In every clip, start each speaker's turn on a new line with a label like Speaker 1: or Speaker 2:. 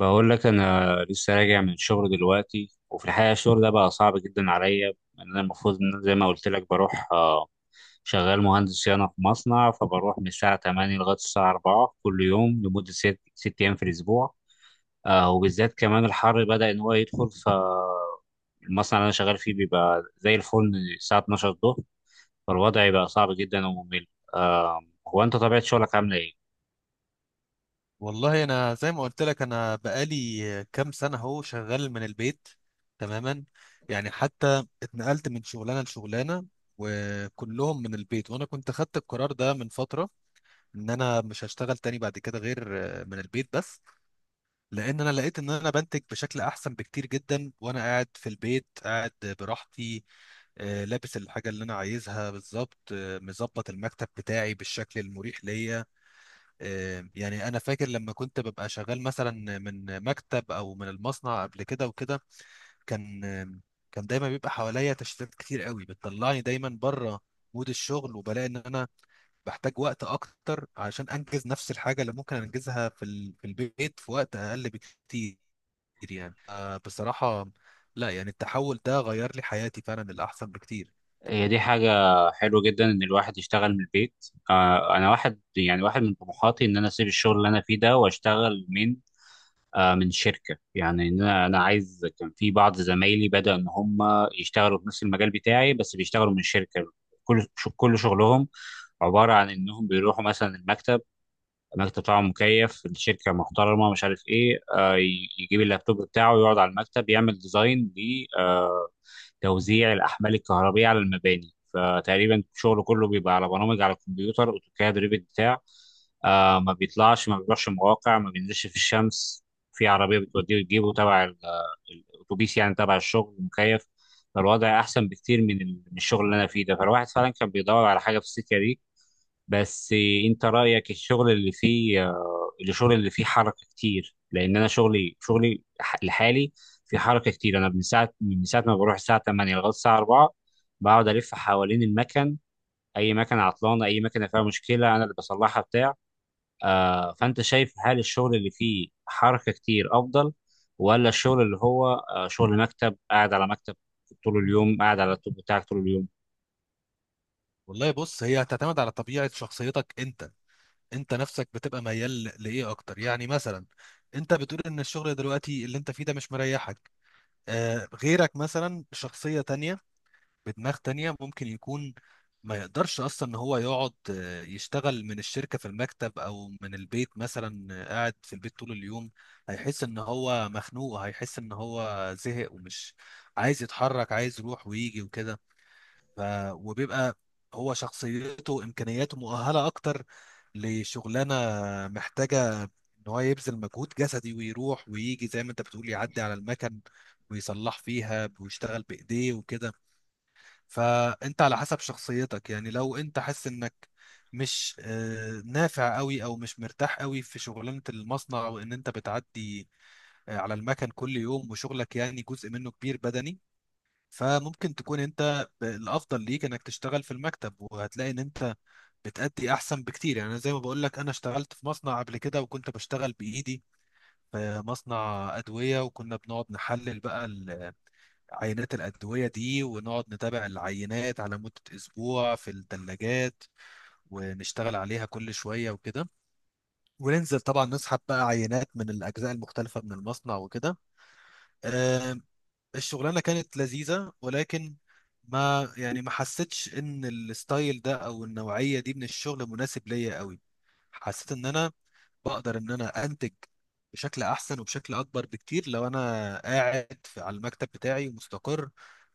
Speaker 1: بقول لك انا لسه راجع من الشغل دلوقتي وفي الحقيقه الشغل ده بقى صعب جدا عليا لأن انا المفروض ان أنا زي ما قلت لك بروح شغال مهندس صيانه في مصنع. فبروح من الساعه 8 لغايه الساعه 4 كل يوم لمده ست ايام في الاسبوع. وبالذات كمان الحر بدا ان هو يدخل فالمصنع اللي انا شغال فيه بيبقى زي الفل الساعه 12 الظهر. فالوضع بقى صعب جدا وممل آه، هو انت طبيعه شغلك عامله ايه؟
Speaker 2: والله، انا زي ما قلت لك انا بقالي كام سنه اهو شغال من البيت. تماما. يعني حتى اتنقلت من شغلانه لشغلانه، وكلهم من البيت. وانا كنت خدت القرار ده من فتره، ان انا مش هشتغل تاني بعد كده غير من البيت بس. لان انا لقيت ان انا بنتج بشكل احسن بكتير جدا وانا قاعد في البيت، قاعد براحتي. لابس الحاجه اللي انا عايزها بالظبط، مظبط المكتب بتاعي بالشكل المريح ليا. يعني انا فاكر لما كنت ببقى شغال مثلا من مكتب او من المصنع قبل كده وكده، كان آه، كان دايما بيبقى حواليا تشتتات كتير قوي بتطلعني دايما بره مود الشغل، وبلاقي ان انا بحتاج وقت اكتر عشان انجز نفس الحاجه اللي ممكن انجزها في البيت في وقت اقل بكتير. يعني بصراحه، لا يعني التحول ده غير لي حياتي فعلا للاحسن بكتير.
Speaker 1: هي دي حاجة حلوة جدا إن الواحد يشتغل من البيت. أنا واحد من طموحاتي إن أنا أسيب الشغل اللي أنا فيه ده وأشتغل من شركة. يعني إن أنا عايز، كان في بعض زمايلي بدأ إن هم يشتغلوا في نفس المجال بتاعي بس بيشتغلوا من شركة. كل شغلهم عبارة عن إنهم بيروحوا مثلا المكتب. المكتب طبعا مكيف، الشركة محترمة، مش عارف إيه، يجيب اللابتوب بتاعه يقعد على المكتب يعمل ديزاين توزيع الأحمال الكهربية على المباني. فتقريبا شغله كله بيبقى على برامج على الكمبيوتر، أوتوكاد ريفت بتاع. ما بيطلعش، ما بيروحش مواقع، ما بينزلش في الشمس، في عربية بتوديه وتجيبه، تبع الأتوبيس يعني، تبع الشغل مكيف. فالوضع أحسن بكتير من من الشغل اللي أنا فيه ده. فالواحد فعلا كان بيدور على حاجة في السكة دي. بس انت رايك الشغل اللي فيه حركه كتير؟ لان انا شغلي لحالي في حركه كتير. انا من ساعه ما بروح الساعه 8 لغايه الساعه 4 بقعد الف حوالين المكن. اي مكنه عطلانه، اي مكنه فيها مشكله، انا اللي بصلحها بتاع. فانت شايف هل الشغل اللي فيه حركه كتير افضل، ولا الشغل اللي هو شغل مكتب، قاعد على مكتب طول اليوم، قاعد على اللابتوب بتاعك طول اليوم؟
Speaker 2: والله بص، هي هتعتمد على طبيعه شخصيتك انت. انت نفسك بتبقى ميال لايه اكتر؟ يعني مثلا انت بتقول ان الشغل دلوقتي اللي انت فيه ده مش مريحك. غيرك مثلا، شخصية تانية بدماغ تانية، ممكن يكون ما يقدرش اصلا ان هو يقعد يشتغل من الشركة في المكتب او من البيت. مثلا قاعد في البيت طول اليوم، هيحس ان هو مخنوق، هيحس ان هو زهق ومش عايز يتحرك، عايز يروح ويجي وكده. ف... وبيبقى هو شخصيته، امكانياته مؤهله اكتر لشغلانه محتاجه ان هو يبذل مجهود جسدي ويروح ويجي، زي ما انت بتقول يعدي على المكن ويصلح فيها ويشتغل بايديه وكده. فانت على حسب شخصيتك، يعني لو انت حاسس انك مش نافع قوي او مش مرتاح قوي في شغلانه المصنع، وان انت بتعدي على المكن كل يوم، وشغلك يعني جزء منه كبير بدني، فممكن تكون انت الافضل ليك انك تشتغل في المكتب، وهتلاقي ان انت بتأدي احسن بكتير. يعني أنا زي ما بقول لك، انا اشتغلت في مصنع قبل كده، وكنت بشتغل بايدي في مصنع ادوية، وكنا بنقعد نحلل بقى عينات الأدوية دي، ونقعد نتابع العينات على مدة أسبوع في الثلاجات، ونشتغل عليها كل شوية وكده، وننزل طبعا نسحب بقى عينات من الأجزاء المختلفة من المصنع وكده. الشغلانه كانت لذيذه، ولكن ما يعني ما حسيتش ان الستايل ده او النوعيه دي من الشغل مناسب ليا قوي. حسيت ان انا بقدر ان انا انتج بشكل احسن وبشكل اكبر بكتير لو انا قاعد في على المكتب بتاعي ومستقر،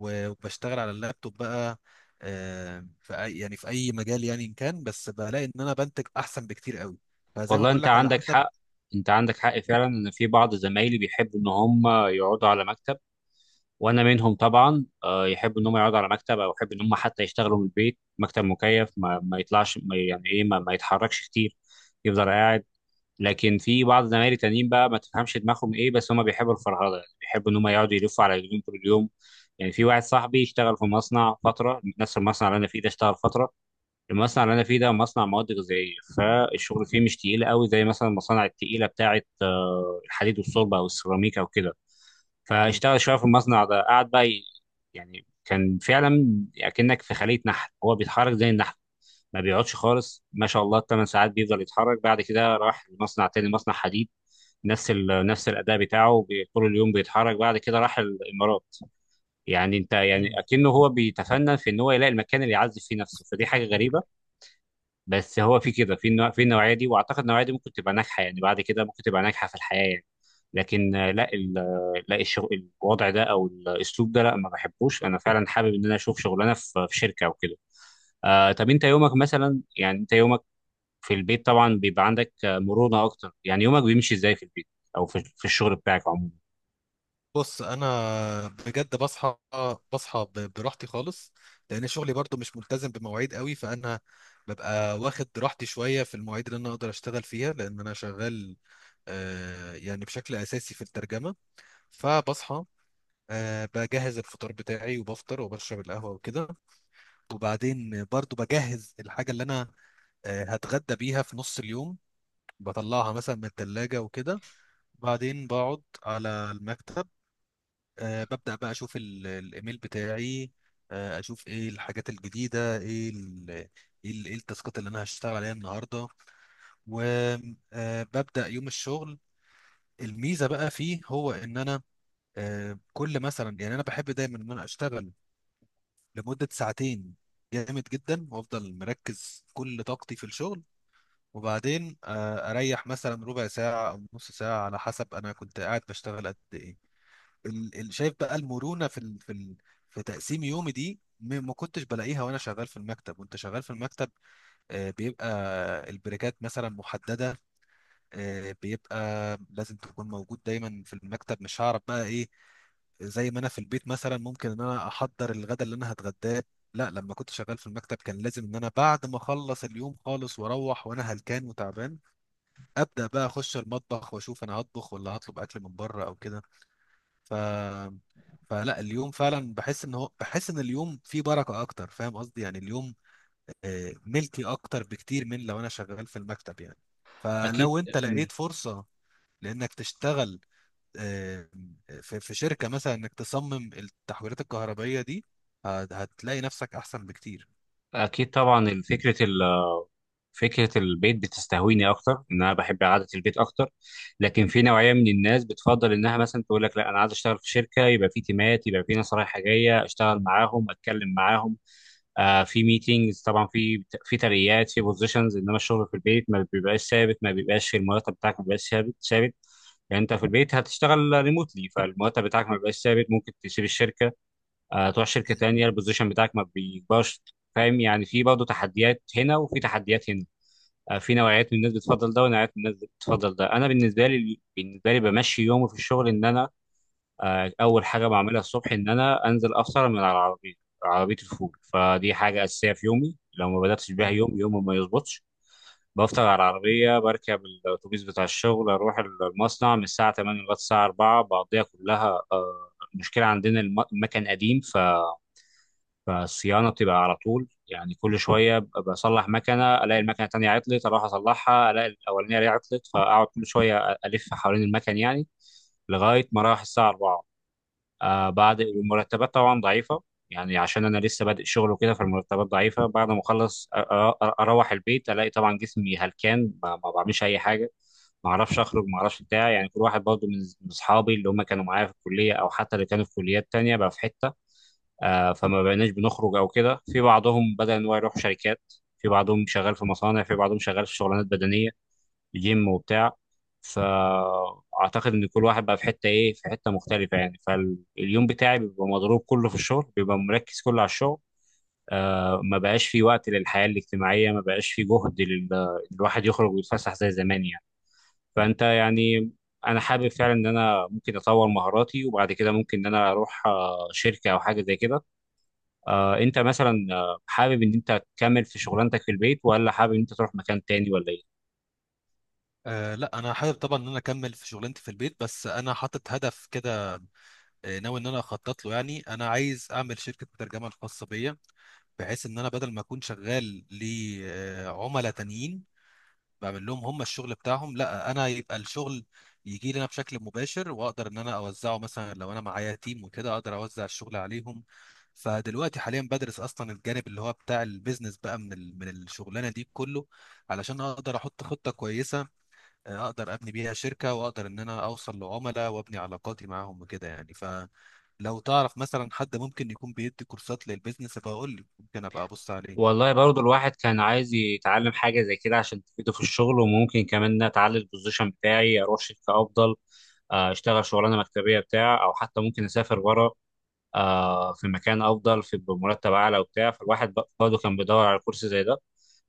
Speaker 2: وبشتغل على اللابتوب بقى، في أي يعني في اي مجال، يعني ان كان، بس بلاقي ان انا بنتج احسن بكتير قوي. فزي ما
Speaker 1: والله
Speaker 2: بقول
Speaker 1: انت
Speaker 2: لك على
Speaker 1: عندك
Speaker 2: حسب.
Speaker 1: حق. انت عندك حق فعلا، ان في بعض زمايلي بيحبوا ان هم يقعدوا على مكتب، وانا منهم طبعا. يحبوا ان هم يقعدوا على مكتب او يحبوا ان هم حتى يشتغلوا من البيت، مكتب مكيف، ما يطلعش، ما يعني ايه، ما يتحركش كتير، يفضل قاعد. لكن في بعض زمايلي تانيين بقى ما تفهمش دماغهم ايه، بس هم بيحبوا الفرهده، يعني بيحبوا ان هم يقعدوا يلفوا على رجلهم طول اليوم. يعني في واحد صاحبي اشتغل في مصنع فتره، نفس المصنع اللي انا فيه ده اشتغل فتره. المصنع اللي انا فيه ده مصنع مواد غذائيه، فالشغل فيه مش تقيل قوي زي مثلا المصانع التقيله بتاعه الحديد والصلب او السيراميك او كده. فاشتغل شويه في المصنع ده، قعد بقى يعني كان فعلا اكنك في خليه نحل. هو بيتحرك زي النحل، ما بيقعدش خالص، ما شاء الله، الثمان ساعات بيفضل يتحرك. بعد كده راح لمصنع تاني، مصنع حديد، نفس الاداء بتاعه، طول اليوم بيتحرك. بعد كده راح الامارات. يعني انت يعني
Speaker 2: أكيد.
Speaker 1: اكنه هو بيتفنن في ان هو يلاقي المكان اللي يعزف فيه نفسه، فدي حاجه غريبه. بس هو في كده، في النوعيه دي، واعتقد النوعيه دي ممكن تبقى ناجحه يعني، بعد كده ممكن تبقى ناجحه في الحياه يعني. لكن لا، لا الشغل الوضع ده او الاسلوب ده، لا، ما بحبوش. انا فعلا حابب ان انا اشوف شغلانه في شركه او كده. طب انت يومك مثلا، يعني انت يومك في البيت طبعا بيبقى عندك مرونه اكتر، يعني يومك بيمشي ازاي في البيت او في الشغل بتاعك عموما؟
Speaker 2: بص انا بجد بصحى براحتي خالص. لان شغلي برضو مش ملتزم بمواعيد قوي، فانا ببقى واخد راحتي شويه في المواعيد اللي انا اقدر اشتغل فيها، لان انا شغال يعني بشكل اساسي في الترجمه. فبصحى، بجهز الفطار بتاعي وبفطر وبشرب القهوه وكده. وبعدين برضو بجهز الحاجه اللي انا هتغدى بيها في نص اليوم، بطلعها مثلا من الثلاجه وكده. بعدين بقعد على المكتب، ببدأ بقى أشوف الإيميل بتاعي، أشوف إيه الحاجات الجديدة، إيه التاسكات اللي أنا هشتغل عليها النهاردة، وببدأ يوم الشغل. الميزة بقى فيه هو إن أنا كل مثلا، يعني أنا بحب دايما إن أنا أشتغل لمدة ساعتين جامد جدا، وأفضل مركز كل طاقتي في الشغل، وبعدين أريح مثلا ربع ساعة أو نص ساعة على حسب أنا كنت قاعد بشتغل قد إيه. شايف بقى المرونه في تقسيم يومي دي، ما كنتش بلاقيها وانا شغال في المكتب. وانت شغال في المكتب، بيبقى البريكات مثلا محدده، بيبقى لازم تكون موجود دايما في المكتب، مش هعرف بقى ايه. زي ما انا في البيت مثلا ممكن ان انا احضر الغداء اللي انا هتغداه. لا، لما كنت شغال في المكتب كان لازم ان انا بعد ما اخلص اليوم خالص واروح وانا هلكان وتعبان، ابدا بقى اخش المطبخ واشوف انا هطبخ ولا هطلب اكل من بره او كده. ف فلا، اليوم فعلا بحس ان هو، بحس ان اليوم فيه بركة اكتر. فاهم قصدي؟ يعني اليوم ملكي اكتر بكتير من لو انا شغال في المكتب، يعني.
Speaker 1: اكيد.
Speaker 2: فلو انت لقيت فرصة لانك تشتغل آه، في شركة مثلا، انك تصمم التحويلات الكهربائية دي، هتلاقي نفسك احسن بكتير.
Speaker 1: اكيد طبعا. فكرة البيت بتستهويني أكتر، إن أنا بحب قعدة البيت أكتر. لكن في نوعية من الناس بتفضل إنها مثلا تقول لك لا، أنا عايز أشتغل في شركة، يبقى في تيمات، يبقى في ناس رايحة جاية، أشتغل معاهم، أتكلم معاهم، في ميتينجز طبعا، في ترقيات، في بوزيشنز. إنما الشغل في البيت ما بيبقاش ثابت، ما بيبقاش في المرتب بتاعك ما بيبقاش ثابت ثابت. يعني انت في البيت هتشتغل ريموتلي، فالمرتب بتاعك ما بيبقاش ثابت، ممكن تسيب الشركه تروح شركه
Speaker 2: مم.
Speaker 1: تانيه، البوزيشن بتاعك ما بيكبرش. فاهم، يعني في برضه تحديات هنا وفي تحديات هنا. في نوعيات من الناس بتفضل ده، ونوعيات من الناس بتفضل ده. انا بالنسبه لي بمشي يومي في الشغل ان انا اول حاجه بعملها الصبح ان انا انزل افطر من على العربيه، عربيه الفول. فدي حاجه اساسيه في يومي، لو ما بداتش بيها
Speaker 2: مم.
Speaker 1: يوم يوم ما يظبطش. بفطر على العربيه، بركب الاتوبيس بتاع الشغل، اروح المصنع من الساعه 8 لغايه الساعه 4 بقضيها كلها. المشكله عندنا المكن قديم، فالصيانه بتبقى على طول، يعني كل شويه بصلح مكنه، الاقي المكنه التانيه عطلت، اروح اصلحها، الاقي الاولانيه اللي عطلت، فاقعد كل شويه الف حوالين المكن يعني لغايه ما راح الساعه 4. بعد، والمرتبات طبعا ضعيفه، يعني عشان انا لسه بادئ شغل وكده، فالمرتبات ضعيفه. بعد ما اخلص اروح البيت الاقي طبعا جسمي هلكان، ما بعملش اي حاجه، ما اعرفش اخرج، ما اعرفش بتاع. يعني كل واحد برضه من اصحابي اللي هم كانوا معايا في الكليه او حتى اللي كانوا في كليات تانيه بقى في حته. فما بقيناش بنخرج او كده. في بعضهم بدأ ان هو يروح شركات، في بعضهم شغال في مصانع، في بعضهم شغال في شغلانات بدنية، جيم وبتاع. فاعتقد ان كل واحد بقى في حتة ايه، في حتة مختلفة يعني. فاليوم بتاعي بيبقى مضروب كله في الشغل، بيبقى مركز كله على الشغل. ما بقاش في وقت للحياة الاجتماعية، ما بقاش في جهد الواحد يخرج ويتفسح زي زمان يعني. فانت يعني انا حابب فعلا ان انا ممكن اطور مهاراتي وبعد كده ممكن ان انا اروح شركة او حاجة زي كده. انت مثلا حابب ان انت تكمل في شغلانتك في البيت، ولا حابب ان انت تروح مكان تاني، ولا ايه؟
Speaker 2: أه لا، انا حابب طبعا ان انا اكمل في شغلانتي في البيت، بس انا حاطط هدف كده، ناوي ان انا اخطط له. يعني انا عايز اعمل شركه ترجمه الخاصه بيا، بحيث ان انا بدل ما اكون شغال لعملاء تانيين بعمل لهم هم الشغل بتاعهم، لا انا يبقى الشغل يجي لنا بشكل مباشر، واقدر ان انا اوزعه مثلا لو انا معايا تيم وكده، اقدر اوزع الشغل عليهم. فدلوقتي حاليا بدرس اصلا الجانب اللي هو بتاع البيزنس بقى من الشغلانه دي كله، علشان اقدر احط خطه كويسه، اقدر ابني بيها شركه، واقدر ان انا اوصل لعملاء وابني علاقاتي معاهم وكده. يعني لو تعرف مثلا حد ممكن يكون بيدي كورسات للبيزنس فهقول لي، ممكن ابقى ابص عليه.
Speaker 1: والله برضو الواحد كان عايز يتعلم حاجة زي كده عشان تفيده في الشغل، وممكن كمان إن أنا أتعلم البوزيشن بتاعي أروح شركة أفضل، أشتغل شغلانة مكتبية بتاع، أو حتى ممكن أسافر بره في مكان افضل، في بمرتب اعلى وبتاع. فالواحد برضه كان بيدور على كورس زي ده.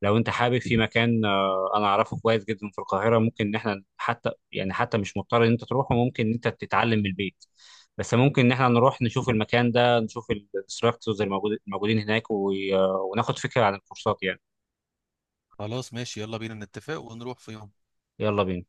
Speaker 1: لو انت حابب، في مكان انا اعرفه كويس جدا في القاهره، ممكن ان احنا حتى مش مضطر ان انت تروحه، ممكن ان انت تتعلم من البيت. بس ممكن ان احنا نروح نشوف المكان ده، نشوف الانستراكتورز الموجودين هناك وناخد فكره عن الكورسات يعني.
Speaker 2: خلاص ماشي، يلا بينا نتفق ونروح في يوم.
Speaker 1: يلا بينا.